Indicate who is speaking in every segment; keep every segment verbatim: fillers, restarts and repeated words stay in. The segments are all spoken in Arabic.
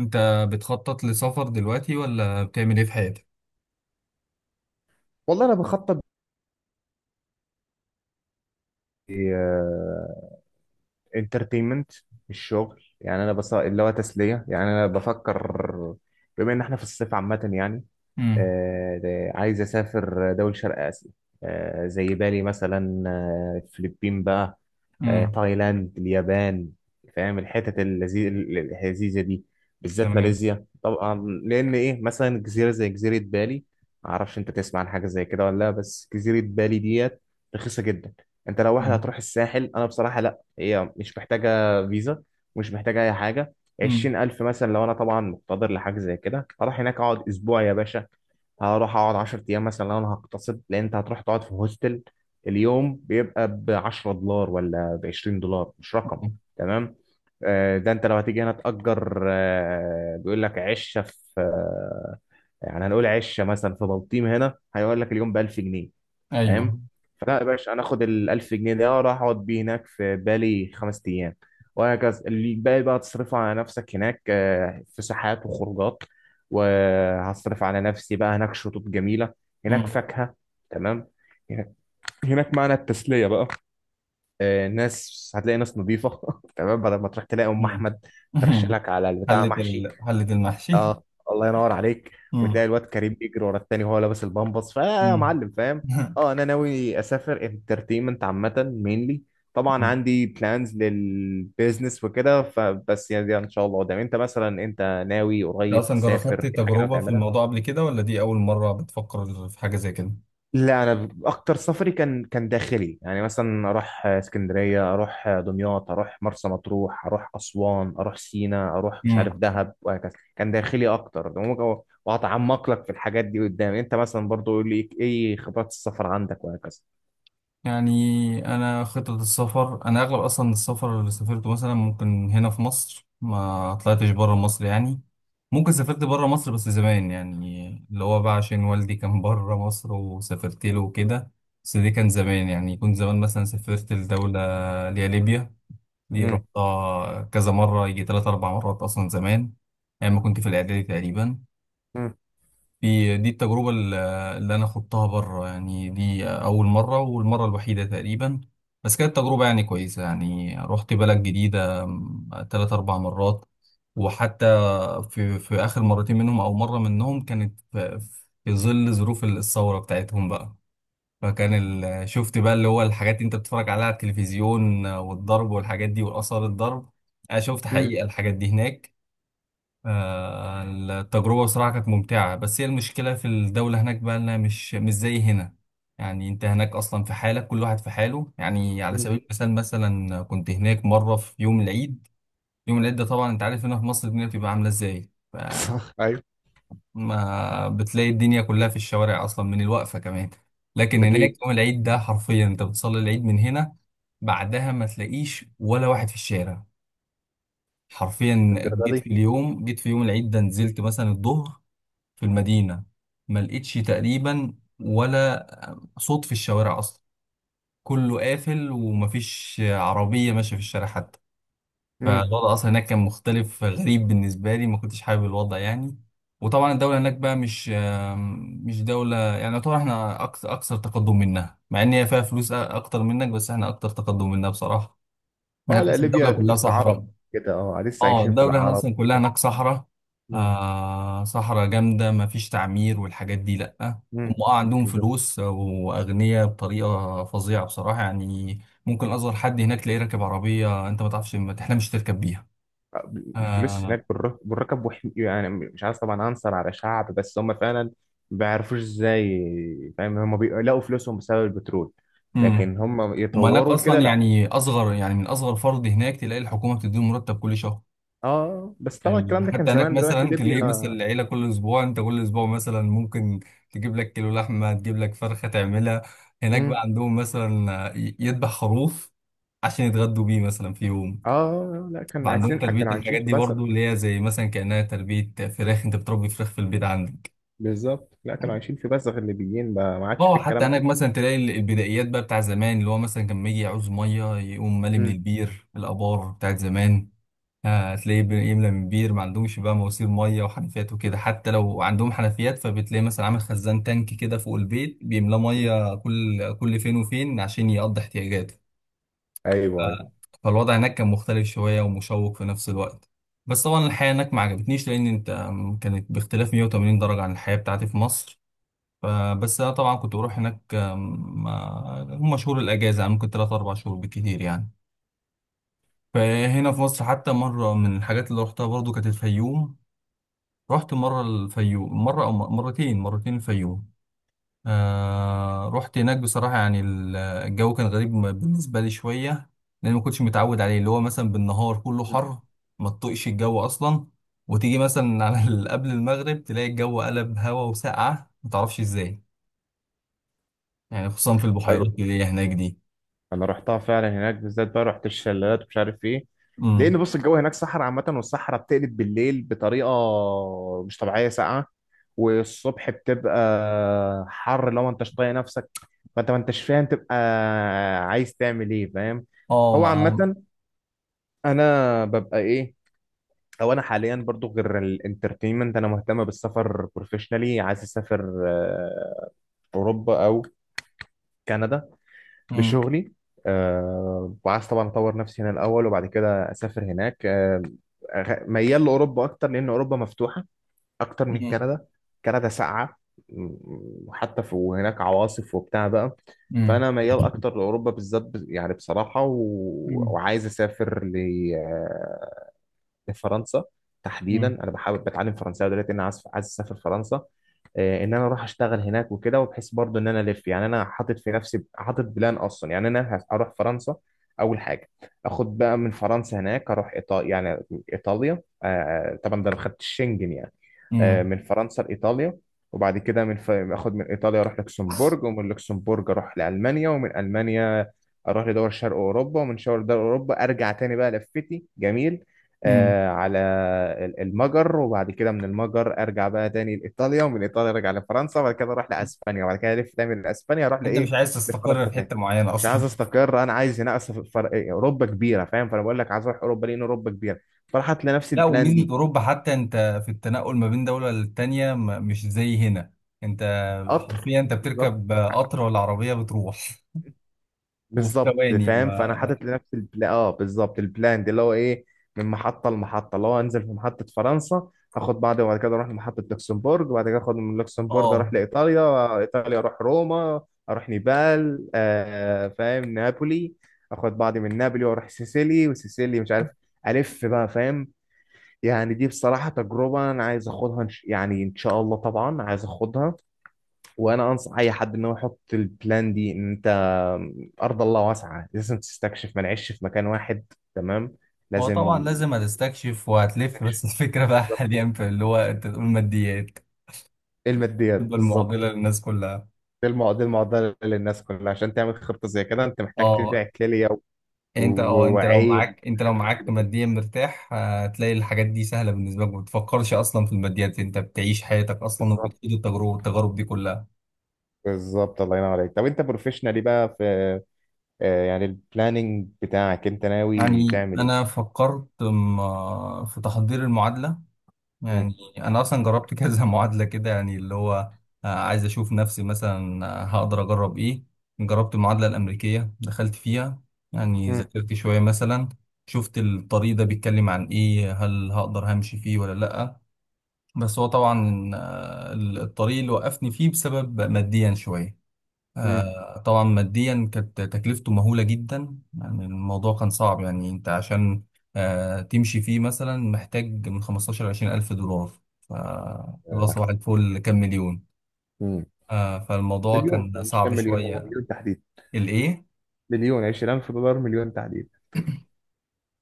Speaker 1: انت بتخطط لسفر دلوقتي ولا بتعمل ايه في حياتك؟
Speaker 2: والله انا بخطط انترتينمنت. الشغل يعني انا بس اللي هو تسليه، يعني انا بفكر، بما ان احنا في الصيف عامه يعني.
Speaker 1: امم.
Speaker 2: آه، ده- عايز اسافر دول شرق اسيا. آه، زي بالي مثلا، آه، الفلبين بقى. آه،
Speaker 1: امم.
Speaker 2: تايلاند، اليابان. فاهم الحتت اللذي- اللذيذة دي، بالذات
Speaker 1: تمام.
Speaker 2: ماليزيا طبعا. لأن إيه، مثلا جزيرة زي جزيرة بالي، معرفش أنت تسمع عن حاجة زي كده ولا لا، بس جزيرة بالي ديت رخيصة جدا. أنت لو واحد
Speaker 1: امم.
Speaker 2: هتروح الساحل، أنا بصراحة لأ، هي مش محتاجة فيزا، ومش محتاجة أي حاجة.
Speaker 1: امم.
Speaker 2: عشرين ألف مثلا لو أنا طبعا مقتدر لحاجة زي كده، هروح هناك أقعد أسبوع يا باشا. هروح أقعد عشر أيام مثلا لو أنا هقتصد، لأن أنت هتروح تقعد في هوستل، اليوم بيبقى ب عشرة دولار ولا ب عشرين دولار، مش رقم. تمام. آه، ده انت لو هتيجي هنا تأجر، آه، بيقول لك عشة في، آه، يعني هنقول عشة مثلا في بلطيم هنا، هيقول لك اليوم ب ألف جنيه، فاهم؟
Speaker 1: ايوه.
Speaker 2: فلا يا باشا، انا اخد ال ألف جنيه ده اروح اقعد بيه هناك في بالي خمس ايام وهكذا. اللي باقي بقى تصرفه على نفسك هناك، آه، في ساحات وخروجات، وهصرف على نفسي بقى هناك. شطوط جميلة، هناك
Speaker 1: امم.
Speaker 2: فاكهة، تمام. هناك معنى التسلية بقى. آه، ناس، هتلاقي ناس نظيفة. تمام. بدل ما تروح تلاقي أم
Speaker 1: امم.
Speaker 2: أحمد ترش
Speaker 1: أمم.
Speaker 2: لك على البتاع
Speaker 1: حلة
Speaker 2: محشي.
Speaker 1: ال... حلة المحشي.
Speaker 2: اه. الله ينور عليك.
Speaker 1: امم.
Speaker 2: وتلاقي الواد كريم بيجري ورا التاني وهو لابس البامبس، فيا
Speaker 1: امم.
Speaker 2: معلم فاهم. اه. أنا ناوي أسافر انترتينمنت عامة مينلي. طبعا عندي بلانز للبيزنس وكده، فبس يعني ده إن شاء الله قدام. أنت مثلا، أنت ناوي
Speaker 1: انت
Speaker 2: قريب
Speaker 1: اصلا
Speaker 2: تسافر
Speaker 1: جربت
Speaker 2: في حاجة ناوي
Speaker 1: تجربة في
Speaker 2: تعملها؟
Speaker 1: الموضوع قبل كده ولا دي اول مرة بتفكر في حاجة زي كده؟
Speaker 2: لا، انا ب- اكتر سفري كان كان داخلي، يعني مثلا اروح اسكندريه، اروح دمياط، اروح مرسى مطروح، اروح اسوان، اروح سينا، اروح مش عارف دهب وهكذا. كان داخلي اكتر. ممكن- وهتعمق لك في الحاجات دي قدام، انت مثلا برضو يقول لي ايه خبرات السفر عندك وهكذا.
Speaker 1: يعني أنا خطة السفر أنا أغلب أصلا السفر اللي سافرته مثلا ممكن هنا في مصر ما طلعتش بره مصر يعني. ممكن سافرت بره مصر بس زمان يعني اللي هو بقى عشان والدي كان بره مصر وسافرت له وكده. بس دي كان زمان يعني كنت زمان مثلا سافرت لدولة اللي هي ليبيا. دي
Speaker 2: امم.
Speaker 1: رحتها كذا مرة يجي تلات أربع مرات أصلا زمان. أيام ما كنت في الإعدادي تقريبا.
Speaker 2: امم.
Speaker 1: دي دي التجربة ال- اللي أنا خضتها بره يعني دي أول مرة والمرة الوحيدة تقريبا. بس كانت تجربة يعني كويسة يعني رحت بلد جديدة م، تلات أربع مرات. وحتى في في آخر مرتين منهم أو مرة منهم كانت في في ظل ظروف الثورة بتاعتهم بقى. فكان ال- شفت بقى اللي هو الحاجات اللي أنت بتتفرج عليها على التلفزيون والضرب والحاجات دي وآثار الضرب. أنا شفت
Speaker 2: امم.
Speaker 1: حقيقة الحاجات دي هناك. آه، التجربة بصراحة كانت ممتعة بس هي المشكلة في الدولة هناك بقى إنها مش مش زي هنا. يعني أنت هناك أصلا في حالك، كل واحد في حاله. يعني على
Speaker 2: أمم.
Speaker 1: سبيل المثال، مثلا كنت هناك مرة في يوم العيد. يوم العيد ده طبعا أنت عارف هنا في مصر الدنيا بتبقى عاملة إزاي.
Speaker 2: صح، ايوه.
Speaker 1: فما بتلاقي الدنيا كلها في الشوارع أصلا من الوقفة كمان. لكن هناك
Speaker 2: اكيد.
Speaker 1: يوم العيد ده حرفيا أنت بتصلي العيد من هنا. بعدها ما تلاقيش ولا واحد في الشارع. حرفيا.
Speaker 2: الدرجه
Speaker 1: جيت في
Speaker 2: دي؟
Speaker 1: اليوم جيت في يوم العيد ده نزلت مثلا الظهر في المدينة. ما لقيتش تقريبا ولا صوت في الشوارع أصلا. كله قافل ومفيش عربية ماشية في الشارع حتى.
Speaker 2: امم.
Speaker 1: فالوضع أصلا هناك كان مختلف غريب بالنسبة لي، ما كنتش حابب الوضع يعني. وطبعا الدولة هناك بقى مش آم، مش دولة يعني، يعتبر احنا أكثر, أكثر تقدم منها، مع إن هي فيها فلوس أ- أكتر منك بس احنا أكتر تقدم منها بصراحة. يعني
Speaker 2: اه لا،
Speaker 1: تحس الدولة
Speaker 2: ليبيا
Speaker 1: كلها
Speaker 2: تحس
Speaker 1: صحراء.
Speaker 2: عرب كده، اه لسه
Speaker 1: اه،
Speaker 2: عايشين في
Speaker 1: الدولة هنا
Speaker 2: العرب
Speaker 1: أصلا كلها
Speaker 2: كده.
Speaker 1: هناك صحراء.
Speaker 2: امم.
Speaker 1: آه، صحراء جامدة، مفيش تعمير والحاجات دي لأ. هم
Speaker 2: أمم.
Speaker 1: اه عندهم فلوس وأغنياء بطريقة فظيعة بصراحة يعني. ممكن أصغر حد هناك تلاقيه راكب عربية أنت ما تعرفش ما تحلمش تركب بيها.
Speaker 2: بفلوس
Speaker 1: آه.
Speaker 2: هناك، بالر- بالرقم، وح- يعني مش عايز طبعا انصر على شعب، بس هم فعلا ما بيعرفوش ازاي، فاهم؟ هم بيلاقوا فلوسهم بسبب البترول،
Speaker 1: امم.
Speaker 2: لكن هم
Speaker 1: وما هناك
Speaker 2: يطوروا كده
Speaker 1: أصلا
Speaker 2: لا.
Speaker 1: يعني أصغر، يعني من أصغر فرد هناك تلاقي الحكومة بتديله مرتب كل شهر.
Speaker 2: اه بس طبعا
Speaker 1: يعني
Speaker 2: الكلام ده كان
Speaker 1: حتى هناك
Speaker 2: زمان، دلوقتي
Speaker 1: مثلا
Speaker 2: ليبيا.
Speaker 1: تلاقي مثلا العيلة كل أسبوع أنت كل أسبوع مثلا ممكن تجيب لك كيلو لحمة، تجيب لك فرخة تعملها. هناك بقى
Speaker 2: مم.
Speaker 1: عندهم مثلا ي- يذبح خروف عشان يتغدوا بيه مثلا في يوم.
Speaker 2: اه لا، كان
Speaker 1: فعندهم
Speaker 2: عايشين
Speaker 1: تربية
Speaker 2: كانوا عايشين
Speaker 1: الحاجات
Speaker 2: في
Speaker 1: دي
Speaker 2: بزغ.
Speaker 1: برضو اللي هي زي مثلا كأنها تربية فراخ، أنت بتربي فراخ في البيت عندك.
Speaker 2: بالظبط. لا، كانوا عايشين في بزغ، الليبيين ما ما عادش في
Speaker 1: اه، حتى
Speaker 2: الكلام
Speaker 1: هناك
Speaker 2: ده.
Speaker 1: مثلا تلاقي ال- البدايات بقى بتاع زمان اللي هو مثلا كان لما يجي يعوز مية يقوم مالي من
Speaker 2: مم.
Speaker 1: البير، الآبار بتاعت زمان. آه، هتلاقيه بي- يملى من بير، ما عندهمش بقى مواسير ميه وحنفيات وكده. حتى لو عندهم حنفيات فبتلاقي مثلا عامل خزان تانك كده فوق البيت بيملاه
Speaker 2: مم.
Speaker 1: ميه كل كل فين وفين عشان يقضي احتياجاته.
Speaker 2: ايوه،
Speaker 1: ف-
Speaker 2: ايوه.
Speaker 1: فالوضع هناك كان مختلف شويه ومشوق في نفس الوقت. بس طبعا الحياه هناك ما عجبتنيش لان انت آم، كانت باختلاف مية وتمانين درجه عن الحياه بتاعتي في مصر. فبس انا طبعا كنت بروح هناك آم، ما- هم شهور الاجازه، يعني ممكن ثلاثة أربعة شهور بالكتير يعني. فهنا في مصر حتى مرة من الحاجات اللي روحتها برضو كانت الفيوم. رحت مرة الفيوم، مرة أو مرتين مرتين الفيوم. آه، رحت هناك بصراحة يعني ال- الجو كان غريب بالنسبة لي شوية. لأن ما كنتش متعود عليه، اللي هو مثلا بالنهار كله
Speaker 2: مم.
Speaker 1: حر. ما تطقش الجو أصلا. وتيجي مثلا على ال- قبل المغرب تلاقي الجو قلب هوا وسقعة ما تعرفش إزاي. يعني خصوصا في البحيرات اللي هي هناك دي.
Speaker 2: انا رحتها فعلا، هناك بالذات بقى رحت الشلالات ومش عارف ايه. لان
Speaker 1: امم.
Speaker 2: بص، الجو هناك صحراء عامه، والصحراء بتقلب بالليل بطريقه مش طبيعيه ساقعه، والصبح بتبقى حر لو ما انتش طايق نفسك، فانت ما انتش فاهم تبقى عايز تعمل ايه، فاهم؟
Speaker 1: اه،
Speaker 2: هو
Speaker 1: مع.
Speaker 2: عامه انا ببقى ايه. او انا حاليا برضو غير الانترتينمنت، انا مهتم بالسفر بروفيشنالي، عايز اسافر آه، اوروبا او كندا
Speaker 1: امم.
Speaker 2: لشغلي. آه وعايز طبعا اطور نفسي هنا الاول، وبعد كده اسافر هناك. آه أغ- ميال لاوروبا اكتر، لان اوروبا مفتوحه اكتر من
Speaker 1: امم.
Speaker 2: كندا. كندا ساقعه، م- وحتى في وهناك عواصف وبتاع بقى.
Speaker 1: امم.
Speaker 2: فانا ميال اكتر لاوروبا بالذات، ب- يعني بصراحه، و... وعايز اسافر فرنسا تحديدا.
Speaker 1: امم.
Speaker 2: انا بحاول بتعلم فرنساوي دلوقتي، انا عايز عايز اسافر فرنسا، آه، ان انا اروح اشتغل هناك وكده، وبحيث برضو ان انا الف، يعني انا حاطط في نفسي حاطط بلان اصلا، يعني انا هس- هروح فرنسا اول حاجه. اخد بقى من فرنسا هناك اروح ايطاليا، يعني ايطاليا، آه، آه، طبعا ده ما خدتش شنجن يعني، آه،
Speaker 1: امم.
Speaker 2: من فرنسا لايطاليا. وبعد كده من ف... اخد من ايطاليا اروح لوكسمبورج، ومن لوكسمبورج اروح لالمانيا، ومن المانيا اروح لدول شرق اوروبا، ومن شرق دول اوروبا ارجع تاني بقى لفتي جميل،
Speaker 1: أمم.
Speaker 2: آه، على ال- المجر، وبعد كده من المجر ارجع بقى تاني لايطاليا، ومن ايطاليا ارجع لفرنسا، وبعد كده اروح لاسبانيا، وبعد كده الف تاني لاسبانيا اروح
Speaker 1: أنت مش
Speaker 2: لايه،
Speaker 1: عايز تستقر
Speaker 2: لفرنسا
Speaker 1: في حتة
Speaker 2: تاني.
Speaker 1: معينة
Speaker 2: مش عايز
Speaker 1: أصلا؟
Speaker 2: استقر، انا عايز هنا أصل فر... إيه، اوروبا كبيره فاهم، فانا بقول لك عايز اروح اوروبا لان اوروبا كبيره، فراح هات لنفسي
Speaker 1: لا،
Speaker 2: البلان
Speaker 1: وميزة
Speaker 2: دي.
Speaker 1: أوروبا حتى أنت في التنقل ما بين دولة للتانية م- مش زي هنا. أنت.
Speaker 2: قطر.
Speaker 1: حرفيا أنت
Speaker 2: بالظبط.
Speaker 1: بتركب قطر ولا عربية بتروح؟ وفي
Speaker 2: بالظبط
Speaker 1: ثواني
Speaker 2: فاهم، فانا
Speaker 1: ما.
Speaker 2: حاطط لنفسي البلا اه، بالظبط، البلان دي اللي هو ايه. من محطه لمحطه، اللي هو انزل في محطه فرنسا اخد بعضي، وبعد كده اروح لمحطه لوكسمبورغ، وبعد كده اخد من لوكسمبورغ اروح
Speaker 1: آه.
Speaker 2: لايطاليا، ايطاليا اروح روما، اروح نيبال، آه فاهم، نابولي. اخد بعضي من نابولي واروح سيسيلي، وسيسيلي مش عارف، الف بقى فاهم. يعني دي بصراحه تجربه انا عايز اخدها، إن ش- يعني ان شاء الله طبعا عايز اخدها. وانا انصح اي حد ان هو يحط البلان دي، ان انت ارض الله واسعه لازم تستكشف، ما نعيش في مكان واحد. تمام.
Speaker 1: هو طبعا
Speaker 2: لازم.
Speaker 1: لازم هتستكشف وهتلف، بس
Speaker 2: تستكشف،
Speaker 1: الفكرة بقى
Speaker 2: بالظبط.
Speaker 1: حاليا في اللي هو أنت تقول ماديات.
Speaker 2: ايه الماديات؟
Speaker 1: تبقى المعضلة
Speaker 2: بالظبط.
Speaker 1: للناس كلها.
Speaker 2: دي المع- دي المعضله للناس كلها، عشان تعمل خطه زي كده انت محتاج تبيع
Speaker 1: آه،
Speaker 2: كليه و-
Speaker 1: يعني أنت آه أنت لو
Speaker 2: وعين
Speaker 1: معاك أنت لو
Speaker 2: حاجات
Speaker 1: معاك
Speaker 2: كده.
Speaker 1: ماديا مرتاح هتلاقي الحاجات دي سهلة بالنسبة لك، ما بتفكرش أصلا في الماديات، أنت بتعيش حياتك أصلا
Speaker 2: بالظبط.
Speaker 1: وبتعيش التجربة التجارب دي كلها.
Speaker 2: بالظبط. الله ينور عليك. طب انت بروفيشنالي بقى في، آه، يعني البلاننج بتاعك انت ناوي
Speaker 1: يعني
Speaker 2: تعمل
Speaker 1: أنا
Speaker 2: ايه؟
Speaker 1: فكرت م- في تحضير المعادلة.
Speaker 2: مم.
Speaker 1: يعني أنا أصلا جربت كذا معادلة كده، يعني اللي هو آه، عايز أشوف نفسي مثلا آه، هقدر أجرب إيه. جربت المعادلة الأمريكية دخلت فيها. يعني
Speaker 2: مم.
Speaker 1: ذاكرت شوية مثلا. شفت الطريق ده بيتكلم عن إيه، هل هقدر همشي فيه ولا لأ. بس هو طبعا آه، الطريق اللي وقفني فيه بسبب ماديا شوية.
Speaker 2: مم.
Speaker 1: آه، طبعا ماديا كانت تكلفته مهولة جدا، يعني الموضوع كان صعب. يعني انت عشان آه، تمشي فيه مثلا محتاج من خمسة عشر ل عشرين ألف دولار. ف- اللي هو صباح الفل كام مليون.
Speaker 2: مم.
Speaker 1: آه، فالموضوع
Speaker 2: مليون؟
Speaker 1: كان
Speaker 2: هو مش كام
Speaker 1: صعب
Speaker 2: مليون، هو
Speaker 1: شوية.
Speaker 2: مليون تحديدا،
Speaker 1: الإيه؟
Speaker 2: مليون. عشرين ألف دولار، مليون تحديد.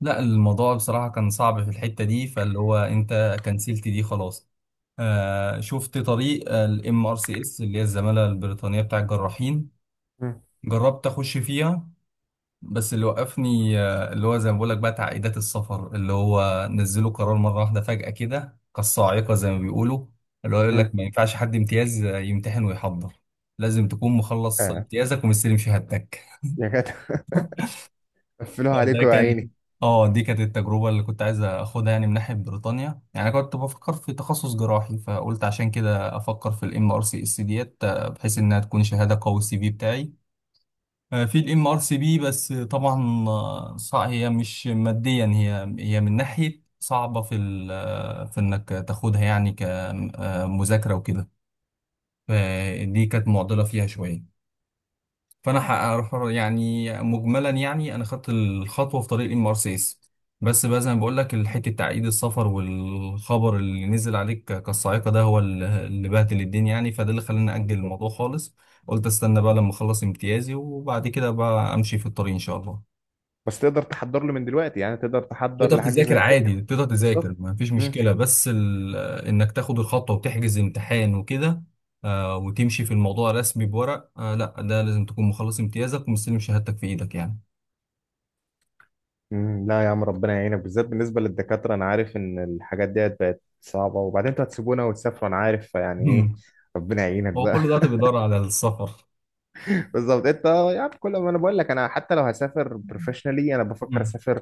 Speaker 1: لا، الموضوع بصراحة كان صعب في الحتة دي، فاللي هو انت كنسلت دي خلاص. آه، شفت طريق الام ار سي اس اللي هي الزمالة البريطانية بتاع الجراحين.
Speaker 2: مم.
Speaker 1: جربت اخش فيها. بس اللي وقفني آه، اللي هو زي ما بقول لك بقى تعقيدات السفر، اللي هو نزلوا قرار مره واحده فجاه كده كالصاعقه زي ما بيقولوا. اللي هو يقول لك
Speaker 2: مم.
Speaker 1: ما ينفعش حد امتياز آه، يمتحن ويحضر. لازم تكون مخلص
Speaker 2: اه
Speaker 1: امتيازك ومستلم شهادتك.
Speaker 2: يا جدع. قفلوها
Speaker 1: فده
Speaker 2: عليكم يا
Speaker 1: كان.
Speaker 2: عيني.
Speaker 1: اه، دي كانت التجربه اللي كنت عايز اخدها يعني من ناحيه بريطانيا. يعني انا كنت بفكر في تخصص جراحي، فقلت عشان كده افكر في الام ار سي اس ديت آه، بحيث انها تكون شهاده قوي السي في بتاعي. آه، في الام ار سي بي بس طبعا آه، صع- هي مش ماديا، هي هي من ناحيه صعبه في ال- آه، في انك تاخدها يعني كمذاكره وكده. فدي كانت معضله فيها شويه. فانا هعرف- يعني مجملا يعني انا خدت الخطوه في طريق ام ار سيس. بس بقى زي ما بقول لك الحته، تعقيد السفر والخبر اللي نزل عليك ك- كالصاعقه ده هو ال- اللي بهدل الدنيا يعني. فده اللي خلاني اجل
Speaker 2: بالظبط.
Speaker 1: الموضوع خالص. قلت استنى بقى لما اخلص امتيازي وبعد كده بقى امشي في الطريق ان شاء الله.
Speaker 2: بس تقدر تحضر له من دلوقتي يعني، تقدر تحضر
Speaker 1: تقدر
Speaker 2: لحاجه
Speaker 1: تذاكر
Speaker 2: زي كده؟
Speaker 1: عادي، تقدر تذاكر
Speaker 2: بالظبط.
Speaker 1: ما فيش
Speaker 2: مم.
Speaker 1: مشكله، بس ال- انك تاخد الخطوه وتحجز امتحان وكده آه، وتمشي في الموضوع رسمي بورق، آه، لا، ده لازم تكون مخلص امتيازك ومستلم شهادتك في ايدك يعني.
Speaker 2: مم، لا يا عم، ربنا يعينك، بالذات بالنسبه للدكاتره انا عارف ان الحاجات ديت بقت صعبه، وبعدين انتوا هتسيبونا وتسافروا، انا عارف، فيعني ايه.
Speaker 1: مم.
Speaker 2: ربنا يعينك
Speaker 1: هو
Speaker 2: بقى.
Speaker 1: كل ده بيدور على السفر؟
Speaker 2: بالظبط. انت يعني كل ما انا بقول لك انا حتى لو هسافر بروفيشنالي انا بفكر
Speaker 1: مم.
Speaker 2: اسافر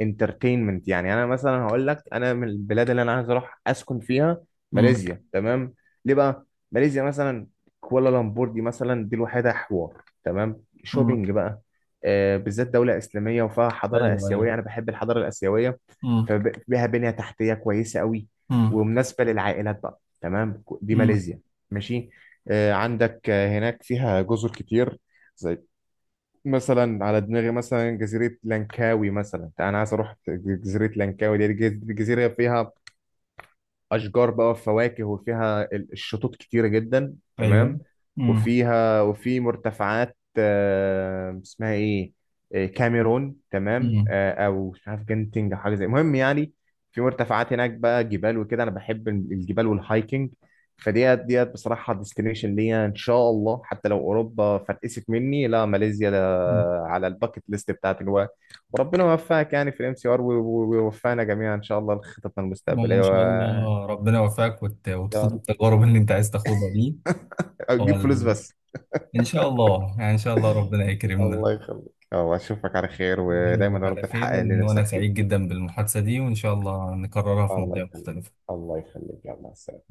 Speaker 2: انترتينمنت، يعني انا مثلا هقول لك انا من البلاد اللي انا عايز اروح اسكن فيها،
Speaker 1: مم.
Speaker 2: ماليزيا. تمام. ليه بقى ماليزيا مثلا؟ كوالالمبور دي مثلا، دي الوحيده، حوار، تمام،
Speaker 1: مم.
Speaker 2: شوبينج بقى، آه، بالذات دوله اسلاميه، وفيها حضاره
Speaker 1: ايوه، ايوه.
Speaker 2: اسيويه، انا بحب الحضاره الاسيويه،
Speaker 1: مم.
Speaker 2: فبها بنيه تحتيه كويسه قوي،
Speaker 1: مم.
Speaker 2: ومناسبه للعائلات بقى تمام، دي
Speaker 1: مم.
Speaker 2: ماليزيا. ماشي. آه، عندك، آه، هناك فيها جزر كتير، زي مثلا على دماغي مثلا جزيرة لانكاوي، مثلا انا عايز اروح جزيرة لانكاوي دي، جز- جزيرة فيها اشجار بقى وفواكه، وفيها ال- الشطوط كتيره جدا تمام.
Speaker 1: ايوه. مم.
Speaker 2: وفيها وفي مرتفعات، آه، اسمها ايه، آه، كاميرون تمام،
Speaker 1: مم.
Speaker 2: آه، او مش عارف جنتنج أو حاجه زي، المهم يعني في مرتفعات هناك بقى جبال وكده، انا بحب ال- الجبال والهايكنج. فديت ديت بصراحه ديستنيشن ليا ان شاء الله، حتى لو اوروبا فرقست مني، لا ماليزيا ده
Speaker 1: مم.
Speaker 2: على الباكت ليست بتاعتي جوا. وربنا يوفقك يعني في الام سي ار، ويوفقنا جميعا ان شاء الله لخططنا
Speaker 1: والله ان
Speaker 2: المستقبليه.
Speaker 1: شاء الله، ربنا يوفقك وت...
Speaker 2: يا
Speaker 1: وتخوض
Speaker 2: رب.
Speaker 1: التجارب اللي انت عايز تاخدها دي.
Speaker 2: جيب فلوس
Speaker 1: وال...
Speaker 2: بس.
Speaker 1: ان شاء الله، يعني ان شاء الله ربنا يكرمنا.
Speaker 2: الله يخليك. الله، اشوفك على خير، ودايما يا
Speaker 1: نشوفك على
Speaker 2: رب
Speaker 1: خير،
Speaker 2: تحقق اللي
Speaker 1: وان انا
Speaker 2: نفسك
Speaker 1: سعيد
Speaker 2: فيه.
Speaker 1: جدا بالمحادثة دي وان شاء الله نكررها في
Speaker 2: الله
Speaker 1: مواضيع
Speaker 2: يخليك،
Speaker 1: مختلفة.
Speaker 2: الله يخليك، يلا سلام.